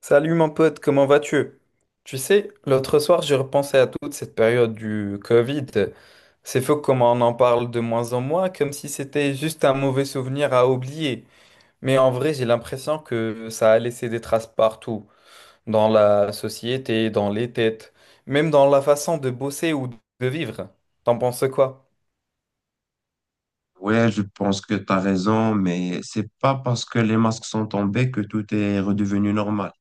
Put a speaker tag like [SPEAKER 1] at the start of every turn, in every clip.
[SPEAKER 1] Salut mon pote, comment vas-tu? Tu sais, l'autre soir, j'ai repensé à toute cette période du Covid. C'est fou comment on en parle de moins en moins, comme si c'était juste un mauvais souvenir à oublier. Mais en vrai, j'ai l'impression que ça a laissé des traces partout, dans la société, dans les têtes, même dans la façon de bosser ou de vivre. T'en penses quoi?
[SPEAKER 2] Ouais, je pense que tu as raison, mais c'est pas parce que les masques sont tombés que tout est redevenu normal.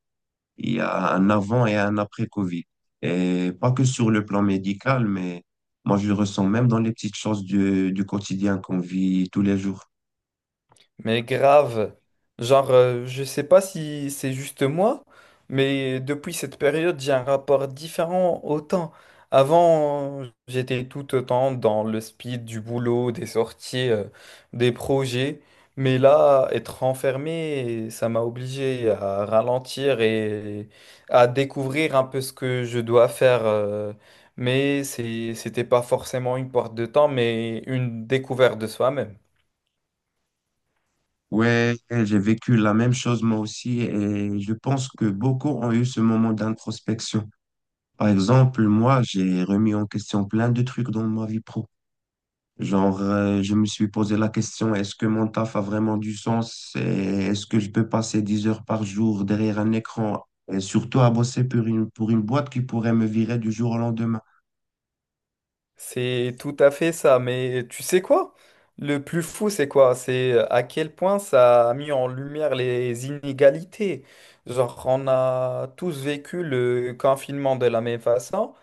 [SPEAKER 2] Il y a un avant et un après Covid. Et pas que sur le plan médical, mais moi je le ressens même dans les petites choses du quotidien qu'on vit tous les jours.
[SPEAKER 1] Mais grave, genre, je sais pas si c'est juste moi, mais depuis cette période, j'ai un rapport différent au temps. Avant, j'étais tout autant dans le speed du boulot, des sorties, des projets. Mais là, être enfermé, ça m'a obligé à ralentir et à découvrir un peu ce que je dois faire. Mais c'était pas forcément une porte de temps, mais une découverte de soi-même.
[SPEAKER 2] Ouais, j'ai vécu la même chose moi aussi et je pense que beaucoup ont eu ce moment d'introspection. Par exemple, moi, j'ai remis en question plein de trucs dans ma vie pro. Genre, je me suis posé la question, est-ce que mon taf a vraiment du sens? Et est-ce que je peux passer 10 heures par jour derrière un écran et surtout à bosser pour une boîte qui pourrait me virer du jour au lendemain?
[SPEAKER 1] C'est tout à fait ça, mais tu sais quoi? Le plus fou, c'est quoi? C'est à quel point ça a mis en lumière les inégalités. Genre, on a tous vécu le confinement de la même façon.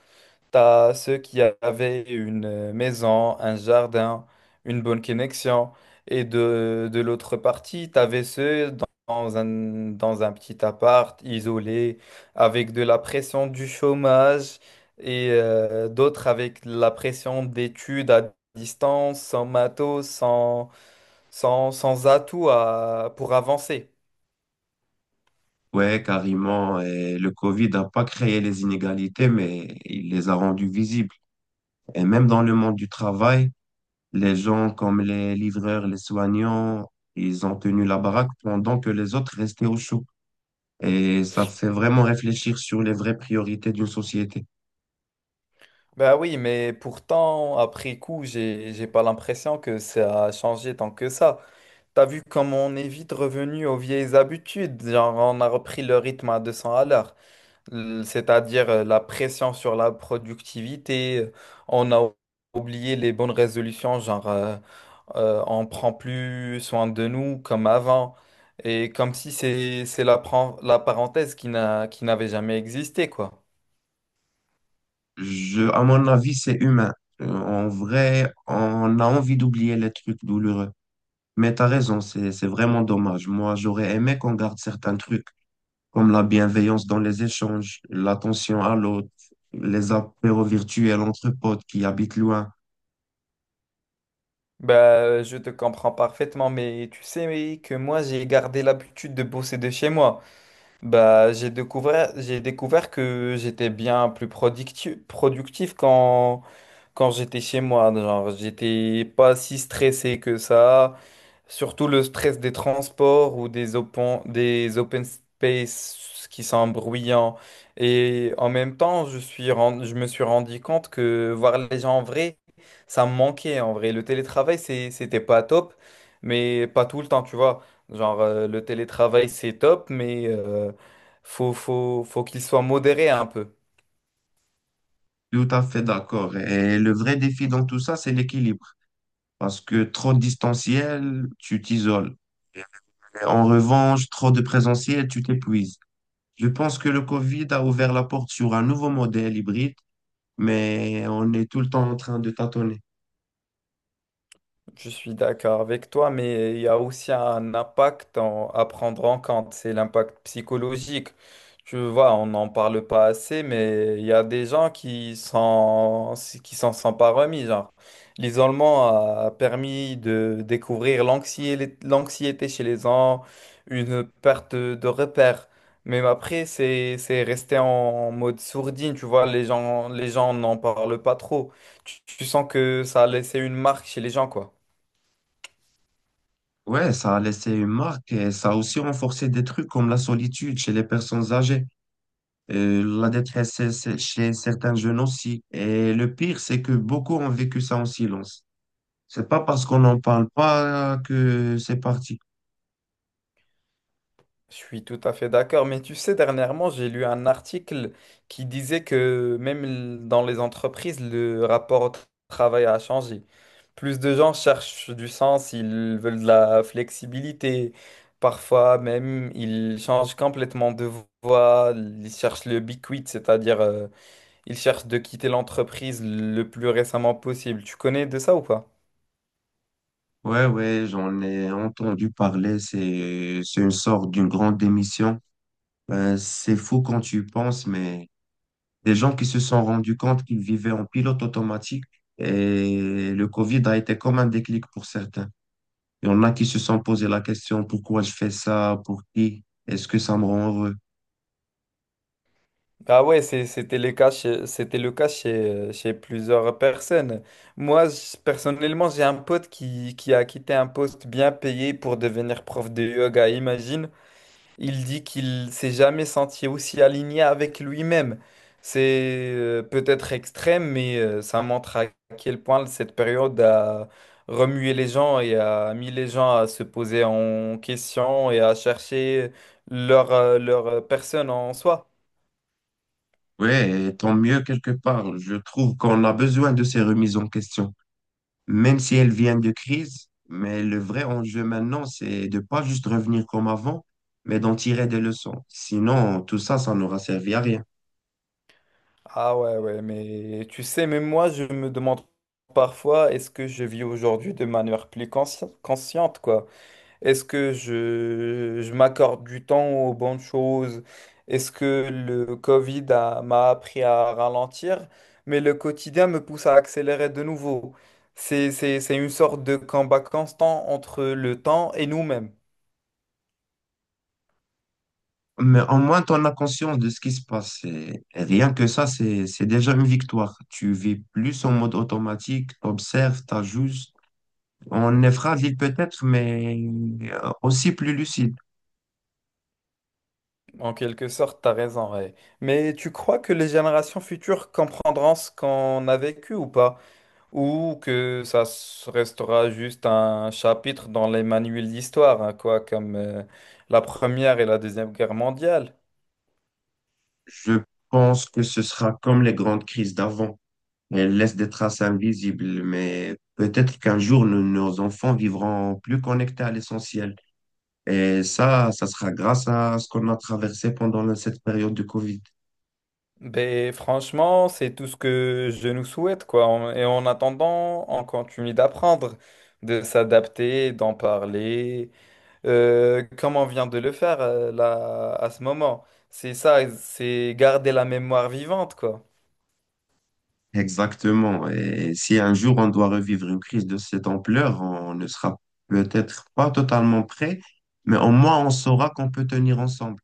[SPEAKER 1] T'as ceux qui avaient une maison, un jardin, une bonne connexion. Et de l'autre partie, t'avais ceux dans un petit appart, isolé, avec de la pression du chômage, et d'autres avec la pression d'études à distance, sans matos, sans, sans, sans atout pour avancer.
[SPEAKER 2] Ouais, carrément. Et le Covid n'a pas créé les inégalités, mais il les a rendues visibles. Et même dans le monde du travail, les gens comme les livreurs, les soignants, ils ont tenu la baraque pendant que les autres restaient au chaud. Et ça fait vraiment réfléchir sur les vraies priorités d'une société.
[SPEAKER 1] Ben oui, mais pourtant, après coup, j'ai pas l'impression que ça a changé tant que ça. T'as vu comme on est vite revenu aux vieilles habitudes, genre on a repris le rythme à 200 à l'heure, c'est-à-dire la pression sur la productivité, on a oublié les bonnes résolutions, on prend plus soin de nous comme avant, et comme si c'est la, la parenthèse qui n'avait jamais existé, quoi.
[SPEAKER 2] Je, à mon avis, c'est humain. En vrai, on a envie d'oublier les trucs douloureux. Mais t'as raison, c'est vraiment dommage. Moi, j'aurais aimé qu'on garde certains trucs, comme la bienveillance dans les échanges, l'attention à l'autre, les apéros virtuels entre potes qui habitent loin.
[SPEAKER 1] Bah, je te comprends parfaitement, mais tu sais que moi j'ai gardé l'habitude de bosser de chez moi. Bah, j'ai découvert que j'étais bien plus productif quand j'étais chez moi. Genre, j'étais pas si stressé que ça. Surtout le stress des transports ou des open space qui sont bruyants. Et en même temps, je me suis rendu compte que voir les gens en vrai, ça me manquait en vrai. Le télétravail, c'était pas top, mais pas tout le temps, tu vois. Genre, le télétravail, c'est top, mais faut qu'il soit modéré un peu.
[SPEAKER 2] Tout à fait d'accord. Et le vrai défi dans tout ça, c'est l'équilibre. Parce que trop de distanciel, tu t'isoles. En revanche, trop de présentiel, tu t'épuises. Je pense que le Covid a ouvert la porte sur un nouveau modèle hybride, mais on est tout le temps en train de tâtonner.
[SPEAKER 1] Je suis d'accord avec toi, mais il y a aussi un impact à prendre en compte, c'est l'impact psychologique. Tu vois, on n'en parle pas assez, mais il y a des gens qui s'en sont pas remis, genre. L'isolement a permis de découvrir l'anxiété chez les gens, une perte de repères. Mais après, c'est resté en mode sourdine, tu vois, les gens n'en parlent pas trop. Tu sens que ça a laissé une marque chez les gens, quoi.
[SPEAKER 2] Ouais, ça a laissé une marque et ça a aussi renforcé des trucs comme la solitude chez les personnes âgées, la détresse chez certains jeunes aussi. Et le pire, c'est que beaucoup ont vécu ça en silence. C'est pas parce qu'on n'en parle pas que c'est parti.
[SPEAKER 1] Je suis tout à fait d'accord, mais tu sais, dernièrement, j'ai lu un article qui disait que même dans les entreprises, le rapport au travail a changé. Plus de gens cherchent du sens, ils veulent de la flexibilité. Parfois même, ils changent complètement de voie, ils cherchent le big quit, c'est-à-dire ils cherchent de quitter l'entreprise le plus récemment possible. Tu connais de ça ou pas?
[SPEAKER 2] Ouais, ouais, j'en ai entendu parler. C'est une sorte d'une grande démission. C'est fou quand tu y penses, mais des gens qui se sont rendus compte qu'ils vivaient en pilote automatique et le Covid a été comme un déclic pour certains. Il y en a qui se sont posé la question, pourquoi je fais ça? Pour qui? Est-ce que ça me rend heureux?
[SPEAKER 1] Ah ouais, c'était le cas chez plusieurs personnes. Moi, personnellement, j'ai un pote qui a quitté un poste bien payé pour devenir prof de yoga, imagine. Il dit qu'il s'est jamais senti aussi aligné avec lui-même. C'est peut-être extrême, mais ça montre à quel point cette période a remué les gens et a mis les gens à se poser en question et à chercher leur, leur personne en soi.
[SPEAKER 2] Oui, tant mieux quelque part. Je trouve qu'on a besoin de ces remises en question, même si elles viennent de crise. Mais le vrai enjeu maintenant, c'est de pas juste revenir comme avant, mais d'en tirer des leçons. Sinon, tout ça, ça n'aura servi à rien.
[SPEAKER 1] Ah ouais, ouais, mais tu sais, même moi, je me demande parfois, est-ce que je vis aujourd'hui de manière plus consciente, quoi? Est-ce que je m'accorde du temps aux bonnes choses? Est-ce que le Covid m'a appris à ralentir? Mais le quotidien me pousse à accélérer de nouveau. C'est une sorte de combat constant entre le temps et nous-mêmes.
[SPEAKER 2] Mais au moins, tu en as conscience de ce qui se passe. Et rien que ça, c'est déjà une victoire. Tu vis plus en mode automatique, t'observes, t'ajustes. On est fragile peut-être, mais aussi plus lucide.
[SPEAKER 1] En quelque sorte, t'as raison, ouais. Mais tu crois que les générations futures comprendront ce qu'on a vécu ou pas? Ou que restera juste un chapitre dans les manuels d'histoire, hein, quoi, comme la Première et la Deuxième Guerre mondiale.
[SPEAKER 2] Je pense que ce sera comme les grandes crises d'avant. Elles laissent des traces invisibles, mais peut-être qu'un jour, nos enfants vivront plus connectés à l'essentiel. Et ça sera grâce à ce qu'on a traversé pendant cette période de Covid.
[SPEAKER 1] Ben franchement, c'est tout ce que je nous souhaite, quoi. Et en attendant, on continue d'apprendre, de s'adapter, d'en parler, comme on vient de le faire là à ce moment. C'est ça, c'est garder la mémoire vivante, quoi.
[SPEAKER 2] Exactement. Et si un jour on doit revivre une crise de cette ampleur, on ne sera peut-être pas totalement prêt, mais au moins on saura qu'on peut tenir ensemble.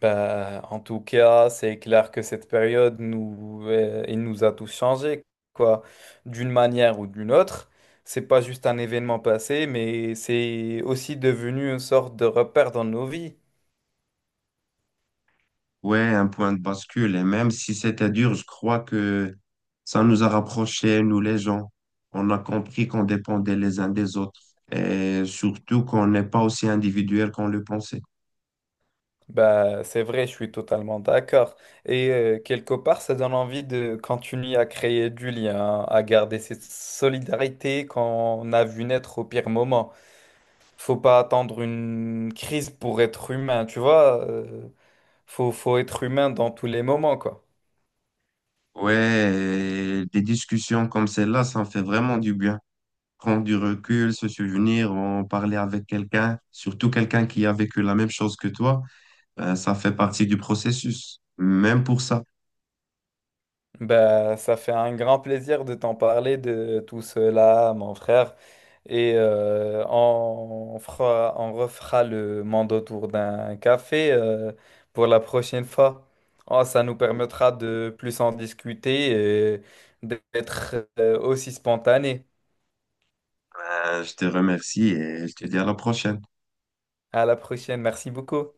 [SPEAKER 1] Bah, en tout cas, c'est clair que cette période nous, elle nous a tous changés, quoi, d'une manière ou d'une autre. C'est pas juste un événement passé, mais c'est aussi devenu une sorte de repère dans nos vies.
[SPEAKER 2] Ouais, un point de bascule. Et même si c'était dur, je crois que ça nous a rapprochés, nous les gens. On a compris qu'on dépendait les uns des autres et surtout qu'on n'est pas aussi individuel qu'on le pensait.
[SPEAKER 1] Bah, c'est vrai, je suis totalement d'accord. Et quelque part, ça donne envie de continuer à créer du lien, à garder cette solidarité qu'on a vu naître au pire moment. Faut pas attendre une crise pour être humain, tu vois. Faut être humain dans tous les moments, quoi.
[SPEAKER 2] Ouais, et des discussions comme celle-là, ça en fait vraiment du bien. Prendre du recul, se souvenir, en parler avec quelqu'un, surtout quelqu'un qui a vécu la même chose que toi, ça fait partie du processus, même pour ça.
[SPEAKER 1] Bah, ça fait un grand plaisir de t'en parler de tout cela, mon frère. Et on refera le monde autour d'un café pour la prochaine fois. Oh, ça nous permettra de plus en discuter et d'être aussi spontané.
[SPEAKER 2] Je te remercie et je te dis à la prochaine.
[SPEAKER 1] À la prochaine. Merci beaucoup.